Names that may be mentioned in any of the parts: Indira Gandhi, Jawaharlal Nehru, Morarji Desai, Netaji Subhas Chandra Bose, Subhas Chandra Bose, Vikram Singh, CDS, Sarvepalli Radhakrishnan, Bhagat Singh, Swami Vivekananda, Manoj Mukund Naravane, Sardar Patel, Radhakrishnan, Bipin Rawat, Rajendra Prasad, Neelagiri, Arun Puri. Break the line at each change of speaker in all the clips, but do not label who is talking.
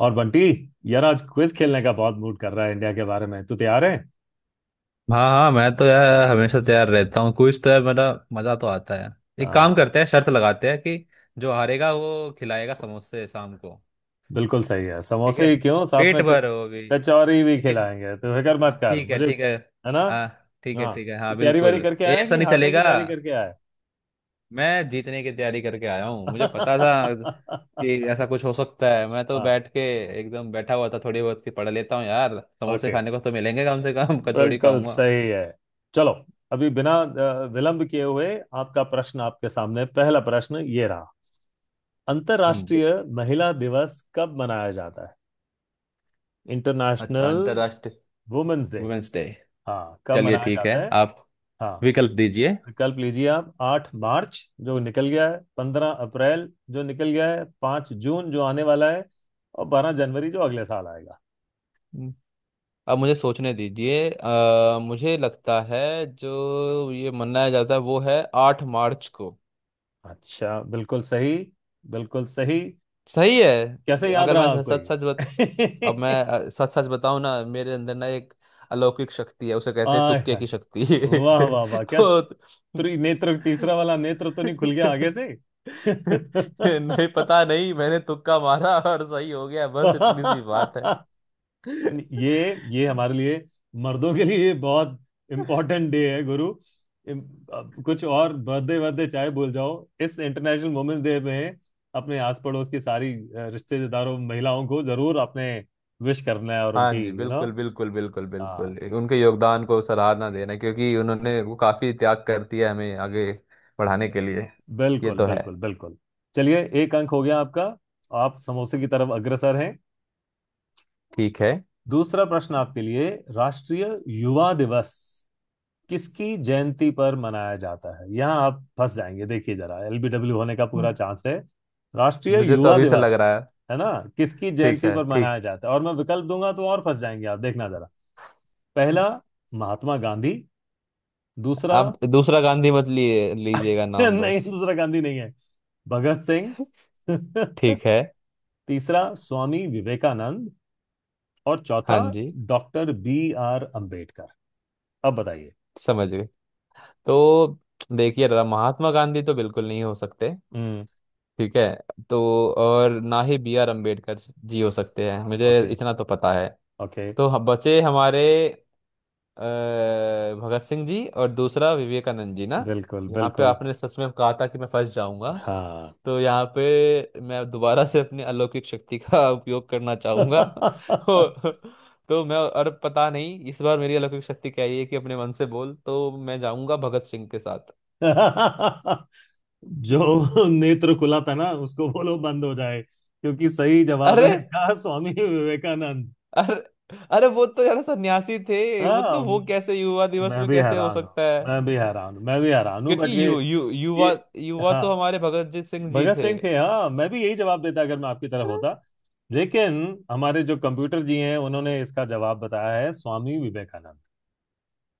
और बंटी, यार आज क्विज खेलने का बहुत मूड कर रहा है इंडिया के बारे में। तू तैयार है?
हाँ हाँ, मैं तो यार हमेशा तैयार रहता हूँ। कुछ तो यार मेरा मजा तो आता है। एक काम
हाँ,
करते हैं, शर्त लगाते हैं कि जो हारेगा वो खिलाएगा समोसे शाम को।
बिल्कुल सही है।
ठीक
समोसे
है,
ही क्यों, साथ
पेट
में
भर वो भी।
कचौरी भी
एक।
खिलाएंगे, तो फिक्र मत
हाँ,
कर
ठीक है
मुझे।
ठीक है।
है ना?
हाँ। ठीक है
हाँ।
ठीक है,
तू
हाँ,
तैयारी वारी
बिल्कुल।
करके
ये
आया है
ऐसा
कि
नहीं
हारने की
चलेगा।
तैयारी करके आया है?
मैं जीतने की तैयारी करके आया हूँ, मुझे पता था कि ऐसा कुछ हो सकता है। मैं तो
हाँ।
बैठ के एकदम बैठा हुआ था, थोड़ी बहुत की पढ़ लेता हूँ यार। समोसे
ओके,
खाने को तो मिलेंगे कम से कम कचौड़ी
बिल्कुल
खाऊंगा।
सही है। चलो, अभी बिना विलंब किए हुए आपका प्रश्न आपके सामने। पहला प्रश्न ये रहा।
हम्म।
अंतर्राष्ट्रीय महिला दिवस कब मनाया जाता है?
अच्छा,
इंटरनेशनल
अंतरराष्ट्रीय
वुमेन्स डे।
Women's day.
हाँ, कब
चलिए
मनाया
ठीक है।
जाता है?
आप
हाँ
विकल्प
वि-
दीजिए।
विकल्प लीजिए आप। 8 मार्च, जो निकल गया है। 15 अप्रैल, जो निकल गया है। 5 जून, जो आने वाला है। और 12 जनवरी, जो अगले साल आएगा।
हम्म। अब मुझे सोचने दीजिए, मुझे लगता है जो ये मनाया जाता है वो है 8 मार्च को।
अच्छा, बिल्कुल सही। बिल्कुल सही।
सही
कैसे
है।
याद
अगर
रहा
मैं
आपको
सच सच बत अब मैं
ये?
सच सच बताऊं ना, मेरे अंदर ना एक अलौकिक शक्ति है, उसे कहते हैं
आय
तुक्के
हाय।
की शक्ति।
वाह वाह वाह, क्या
तो
त्रि नेत्र, तीसरा वाला नेत्र तो नहीं खुल गया आगे से?
नहीं, पता नहीं, मैंने तुक्का मारा और सही हो गया, बस इतनी सी बात है।
ये हमारे लिए, मर्दों के लिए बहुत इम्पोर्टेंट डे है गुरु। अब कुछ और बर्थडे बर्थडे चाहे भूल जाओ, इस इंटरनेशनल वुमेन्स डे में अपने आस पड़ोस की सारी रिश्तेदारों महिलाओं को जरूर अपने विश करना है और
हाँ
उनकी
जी,
यू नो
बिल्कुल बिल्कुल बिल्कुल
हाँ,
बिल्कुल, उनके योगदान को सराहना देना, क्योंकि उन्होंने वो काफी त्याग कर दिया हमें आगे बढ़ाने के लिए। ये
बिल्कुल
तो है।
बिल्कुल बिल्कुल। चलिए, एक अंक हो गया आपका। आप समोसे की तरफ अग्रसर हैं।
ठीक है।
दूसरा प्रश्न आपके लिए। राष्ट्रीय युवा दिवस किसकी जयंती पर मनाया जाता है? यहाँ आप फंस जाएंगे, देखिए जरा, एलबीडब्ल्यू होने का
हम्म,
पूरा चांस है। राष्ट्रीय
मुझे तो
युवा
अभी से लग
दिवस।
रहा है।
है ना? किसकी
ठीक
जयंती
है,
पर
ठीक।
मनाया जाता है, और मैं विकल्प दूंगा तो और फंस जाएंगे आप, देखना जरा। पहला, महात्मा गांधी। दूसरा,
आप दूसरा गांधी मत लिए लीजिएगा नाम
नहीं,
बस।
दूसरा गांधी नहीं है, भगत सिंह।
ठीक है।
तीसरा, स्वामी विवेकानंद। और
हाँ
चौथा,
जी।
Doctor B R Ambedkar. अब बताइए।
समझ गए। तो देखिए, महात्मा गांधी तो बिल्कुल नहीं हो सकते।
हम्म।
ठीक है। तो और ना ही B R अम्बेडकर जी हो सकते हैं, मुझे
ओके,
इतना तो पता है।
ओके।
तो बचे हमारे, अ, भगत सिंह जी और दूसरा विवेकानंद जी ना।
बिल्कुल,
यहाँ पे
बिल्कुल।
आपने सच में कहा था कि मैं फंस जाऊंगा।
हाँ।
तो यहाँ पे मैं दोबारा से अपनी अलौकिक शक्ति का उपयोग करना चाहूंगा। और- तो मैं, और पता नहीं इस बार मेरी अलौकिक शक्ति क्या है, कि अपने मन से बोल तो मैं जाऊंगा भगत सिंह के साथ।
जो नेत्र खुला था ना उसको बोलो बंद हो जाए, क्योंकि सही जवाब
अरे,
है इसका स्वामी विवेकानंद।
अरे, अरे वो तो यार सन्यासी थे। मतलब वो
हाँ,
कैसे युवा दिवस
मैं
में
भी
कैसे हो
हैरान हूँ,
सकता है?
मैं भी हैरान हूँ, मैं भी हैरान हूँ,
क्योंकि
बट ये
यु, यु,
ये।
युवा युवा
हाँ,
तो हमारे भगत जी सिंह जी
भगत
थे।
सिंह थे। हाँ, मैं भी यही जवाब देता अगर मैं आपकी तरफ होता। लेकिन हमारे जो कंप्यूटर जी हैं, उन्होंने इसका जवाब बताया है स्वामी विवेकानंद।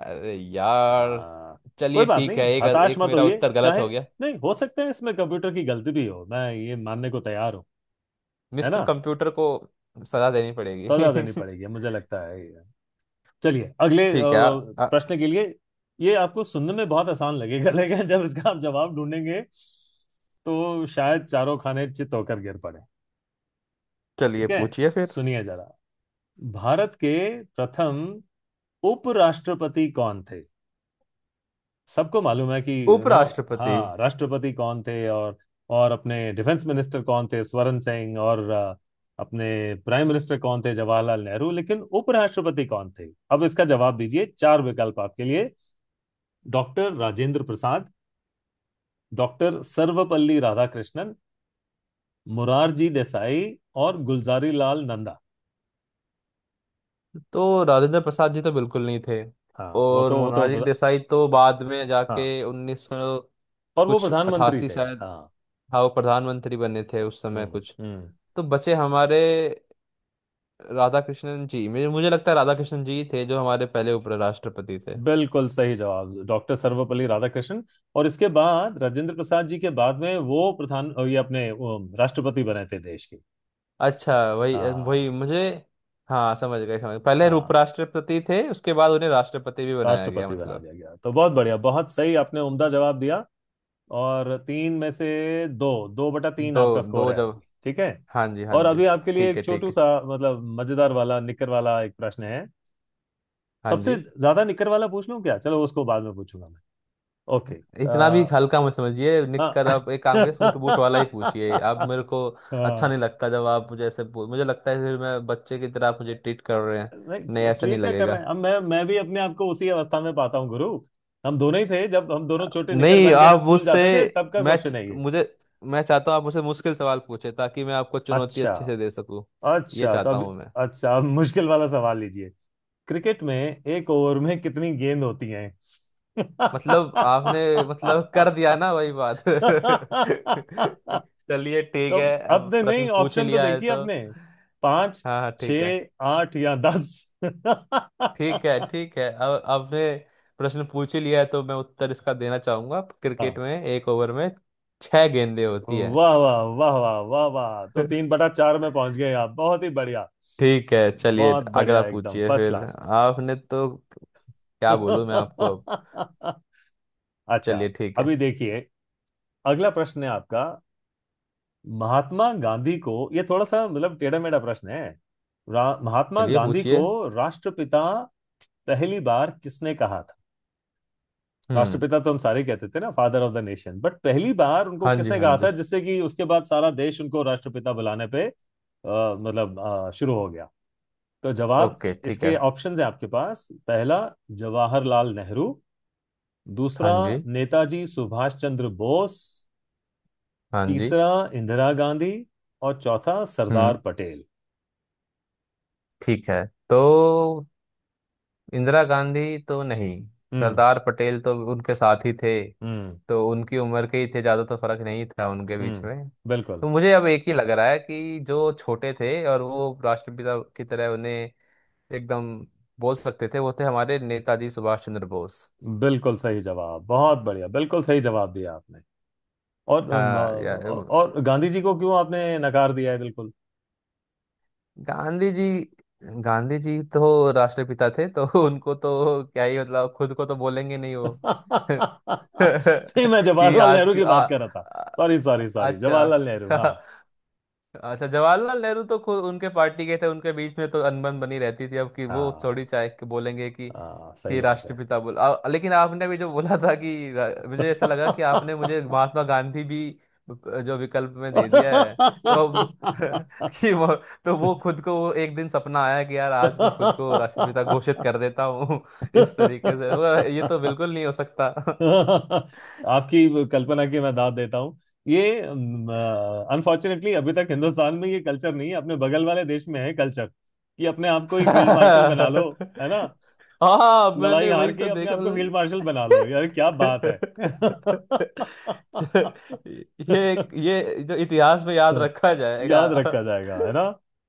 अरे यार।
हाँ। कोई
चलिए
बात
ठीक
नहीं,
है। एक।
हताश
एक
मत
मेरा
होइए।
उत्तर गलत
चाहे
हो गया।
नहीं, हो सकता है इसमें कंप्यूटर की गलती भी हो, मैं ये मानने को तैयार हूँ। है
मिस्टर
ना?
कंप्यूटर को सजा देनी
सजा देनी
पड़ेगी।
पड़ेगी, मुझे लगता है ये। चलिए अगले
ठीक है। आ, आ,
प्रश्न के लिए। ये आपको सुनने में बहुत आसान लगेगा लेकिन जब इसका आप जवाब ढूंढेंगे तो शायद चारों खाने चित होकर गिर पड़े।
चलिए
ठीक है,
पूछिए फिर।
सुनिए जरा। भारत के प्रथम उपराष्ट्रपति कौन थे? सबको मालूम है कि
उपराष्ट्रपति।
हाँ, राष्ट्रपति कौन थे, और अपने डिफेंस मिनिस्टर कौन थे, स्वरण सिंह, और अपने प्राइम मिनिस्टर कौन थे, जवाहरलाल नेहरू, लेकिन उपराष्ट्रपति कौन थे, अब इसका जवाब दीजिए। चार विकल्प आपके लिए। डॉक्टर राजेंद्र प्रसाद। डॉक्टर सर्वपल्ली राधाकृष्णन। मुरारजी देसाई। और गुलजारी लाल नंदा।
तो राजेंद्र प्रसाद जी तो बिल्कुल नहीं थे।
हाँ, वो
और
तो, वो तो।
मोनाली देसाई तो बाद में
हाँ,
जाके उन्नीस सौ
और वो
कुछ
प्रधानमंत्री
अठासी
थे,
शायद,
हाँ।
हाँ वो प्रधानमंत्री बने थे उस समय
हम्म।
कुछ।
हम्म।
तो बचे हमारे राधा कृष्णन जी, मुझे मुझे लगता है राधा कृष्णन जी ही थे जो हमारे पहले उपराष्ट्रपति थे।
बिल्कुल सही जवाब, डॉक्टर सर्वपल्ली राधाकृष्णन। और इसके बाद राजेंद्र प्रसाद जी के बाद में वो प्रधान, ये अपने राष्ट्रपति बने थे देश के।
अच्छा, वही।
हाँ।
वही मुझे। हाँ, समझ गए समझ गए। पहले
हाँ,
उपराष्ट्रपति थे उसके बाद उन्हें राष्ट्रपति भी बनाया गया
राष्ट्रपति बना
मतलब।
दिया गया, तो बहुत बढ़िया, बहुत सही आपने उम्दा जवाब दिया। और 3 में से 2, 2/3
दो।
आपका
दो
स्कोर है अभी।
जब।
ठीक है।
हाँ जी, हाँ
और
जी।
अभी आपके लिए
ठीक है,
एक
ठीक
छोटू
है।
सा, मतलब, मजेदार वाला, निकर वाला एक प्रश्न है।
हाँ जी।
सबसे ज्यादा निकर वाला पूछ लूं क्या? चलो उसको बाद में पूछूंगा मैं। ओके।
इतना भी
आ,
हल्का मत समझिए।
हाँ।
निककर, आप एक काम करिए, सूट बूट वाला ही पूछिए आप मेरे को। अच्छा
हाँ।
नहीं लगता जब आप मुझे ऐसे मुझे लगता है फिर मैं बच्चे की तरह आप मुझे ट्रीट कर रहे हैं। नहीं,
नहीं,
ऐसा नहीं
ट्रीट क्या कर रहे
लगेगा।
हैं, अब मैं भी अपने आप को उसी अवस्था में पाता हूँ गुरु। हम दोनों ही थे, जब हम दोनों छोटे निकर
नहीं,
पहन के जब
आप
स्कूल
मुझसे।
जाते थे, तब का क्वेश्चन है ये।
मुझे मैं चाहता हूँ आप मुझसे मुश्किल सवाल पूछे, ताकि मैं आपको चुनौती
अच्छा।
अच्छे से दे सकूं। ये
अच्छा
चाहता
तब।
हूँ मैं।
अच्छा अब मुश्किल वाला सवाल लीजिए। क्रिकेट में एक ओवर में कितनी गेंद होती हैं?
मतलब आपने,
तो
मतलब कर दिया ना वही बात। चलिए ठीक है, अब
आपने, नहीं,
प्रश्न पूछ ही
ऑप्शन तो
लिया है
देखिए
तो।
आपने। पांच,
हाँ हाँ,
छ,
ठीक है।
आठ या दस।
ठीक है, ठीक है, अब आपने प्रश्न पूछ ही लिया है तो मैं उत्तर इसका देना चाहूंगा।
हाँ,
क्रिकेट में एक ओवर में छह गेंदें होती है।
वाह वाह वाह वाह वाह वाह, तो तीन बटा चार में पहुंच गए आप। बहुत ही बढ़िया।
ठीक है, चलिए
बहुत
अगला
बढ़िया, एकदम
पूछिए
फर्स्ट
फिर।
क्लास।
आपने तो क्या बोलूं मैं आपको अब।
अच्छा।
चलिए ठीक है।
अभी देखिए, अगला प्रश्न है आपका। महात्मा गांधी को, ये थोड़ा सा मतलब टेढ़ा मेढ़ा प्रश्न है। महात्मा
चलिए
गांधी
पूछिए।
को राष्ट्रपिता पहली बार किसने कहा था?
हम्म।
राष्ट्रपिता तो हम सारे कहते थे ना, father of the nation, but पहली बार उनको
हाँ जी,
किसने
हाँ
कहा
जी।
था जिससे कि उसके बाद सारा देश उनको राष्ट्रपिता बुलाने पे मतलब शुरू हो गया। तो जवाब,
ओके, ठीक है।
इसके ऑप्शंस है आपके पास। पहला, जवाहरलाल नेहरू।
हाँ
दूसरा,
जी,
नेताजी सुभाष चंद्र बोस।
हाँ जी।
तीसरा, इंदिरा गांधी। और चौथा, सरदार
हम्म
पटेल।
ठीक है। तो इंदिरा गांधी तो नहीं,
हम्म।
सरदार पटेल तो उनके साथ ही थे,
हम्म।
तो उनकी उम्र के ही थे, ज्यादा तो फर्क नहीं था उनके बीच
हम्म।
में।
बिल्कुल,
तो मुझे अब एक ही लग रहा है कि जो छोटे थे और वो राष्ट्रपिता की तरह उन्हें एकदम बोल सकते थे, वो थे हमारे नेताजी सुभाष चंद्र बोस।
बिल्कुल सही जवाब, बहुत बढ़िया, बिल्कुल सही जवाब दिया आपने। और
हाँ, या
और गांधी जी को क्यों आपने नकार दिया है बिल्कुल?
गांधी जी। गांधी जी तो राष्ट्रपिता थे तो उनको तो क्या ही मतलब, खुद को तो बोलेंगे नहीं वो।
नहीं, मैं
कि
जवाहरलाल
आज
नेहरू
की।
की
आ,
बात कर रहा था।
आ-
सॉरी सॉरी सॉरी,
अच्छा।
जवाहरलाल नेहरू। हाँ।
अच्छा, जवाहरलाल नेहरू तो खुद उनके पार्टी के थे, उनके बीच में तो अनबन बनी रहती थी, अब कि वो
हाँ,
थोड़ी चाहे कि बोलेंगे कि
हाँ, सही
कि
बात है।
राष्ट्रपिता बोल, लेकिन आपने भी जो बोला था कि मुझे ऐसा लगा कि आपने मुझे महात्मा गांधी भी जो विकल्प में दे दिया है। तो अब कि वो, तो वो खुद को, वो एक दिन सपना आया कि यार आज मैं खुद को राष्ट्रपिता
आपकी
घोषित कर देता हूँ इस तरीके से वो, ये तो बिल्कुल नहीं हो सकता।
कल्पना की मैं दाद देता हूँ। ये अनफॉर्चुनेटली अभी तक हिंदुस्तान में ये कल्चर नहीं है, अपने बगल वाले देश में है कल्चर कि अपने आप को ही फील्ड मार्शल बना लो। है ना?
हाँ,
लड़ाई
मैंने
हार
वही
के
तो
अपने
देखा
आप को फील्ड
मतलब।
मार्शल बना लो, यार क्या बात है।
च- ये जो इतिहास में याद
हाँ,
रखा जाएगा।
याद रखा जाएगा, है ना?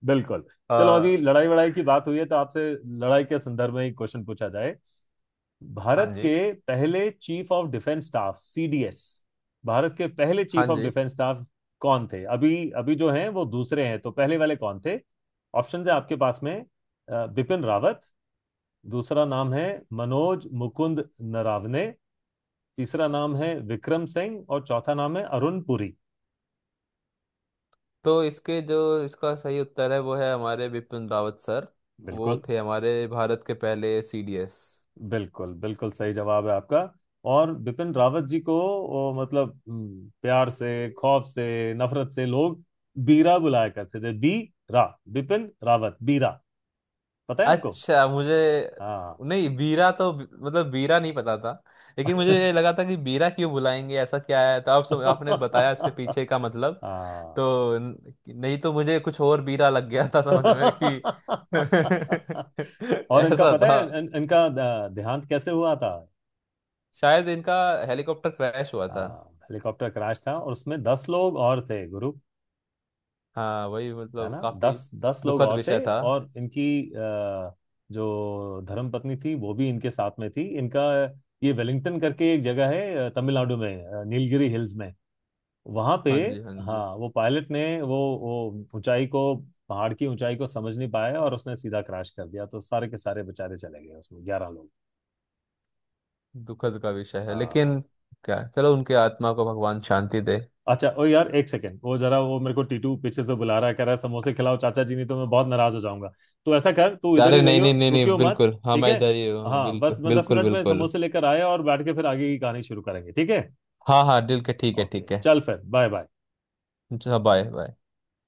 बिल्कुल। चलो अभी
हाँ।
लड़ाई वड़ाई की बात हुई है तो आपसे लड़ाई के संदर्भ में एक क्वेश्चन पूछा जाए।
हाँ
भारत
जी,
के पहले chief of defence staff, CDS, Bharat के पहले
हाँ
चीफ ऑफ
जी।
डिफेंस स्टाफ कौन थे? अभी अभी जो हैं वो दूसरे हैं, तो पहले वाले कौन थे? ऑप्शन है आपके पास में। बिपिन रावत। दूसरा नाम है मनोज मुकुंद नरावने। तीसरा नाम है विक्रम सिंह। और चौथा नाम है अरुण पुरी।
तो इसके जो इसका सही उत्तर है, वो है हमारे बिपिन रावत सर। वो
बिल्कुल,
थे हमारे भारत के पहले CDS।
बिल्कुल, बिल्कुल सही जवाब है आपका। और बिपिन रावत जी को मतलब, प्यार से, खौफ से, नफरत से लोग बीरा बुलाया करते थे। बी, रा, बिपिन रावत, बीरा। पता है आपको?
अच्छा, मुझे,
हाँ।
नहीं, बीरा तो मतलब बीरा नहीं पता था, लेकिन मुझे ये लगा था कि बीरा क्यों बुलाएंगे, ऐसा क्या है, तो आप सब आपने बताया उसके पीछे का मतलब।
हाँ।
तो नहीं तो मुझे कुछ और बीरा लग गया था, समझ में कि
और इनका
ऐसा
पता
था।
है, इनका देहांत कैसे हुआ था?
शायद इनका हेलीकॉप्टर क्रैश हुआ था।
हाँ, हेलीकॉप्टर क्रैश था और उसमें 10 लोग और थे गुरु।
हाँ वही,
है
मतलब
ना?
काफी
10 10 लोग
दुखद
और थे,
विषय था।
और इनकी अ, जो धर्मपत्नी थी वो भी इनके साथ में थी। इनका ये वेलिंगटन करके एक जगह है, तमिलनाडु में, नीलगिरी हिल्स में, वहां पे।
हाँ जी, हाँ जी।
हाँ, वो पायलट ने वो ऊंचाई को, पहाड़ की ऊंचाई को समझ नहीं पाया और उसने सीधा क्रैश कर दिया, तो सारे के सारे बेचारे चले गए उसमें 11 लोग।
दुखद का विषय है
हाँ।
लेकिन क्या, चलो उनकी आत्मा को भगवान शांति दे।
अच्छा ओ यार, एक सेकंड, वो जरा वो मेरे को टीटू पीछे से बुला रहा है, कह रहा है समोसे खिलाओ चाचा जी, नहीं तो मैं बहुत नाराज हो जाऊंगा। तो ऐसा कर, तू इधर ही
अरे, नहीं
रहियो,
नहीं नहीं नहीं,
रुकियो मत।
बिल्कुल, हाँ,
ठीक
मैं
है?
इधर ही हूँ,
हाँ, बस
बिल्कुल
मैं दस
बिल्कुल
मिनट में
बिल्कुल।
समोसे लेकर आया और बैठ के फिर आगे की कहानी शुरू करेंगे। ठीक है?
हाँ हाँ, दिल के, ठीक है,
ओके,
ठीक है।
चल फिर। Bye bye.
Bye bye.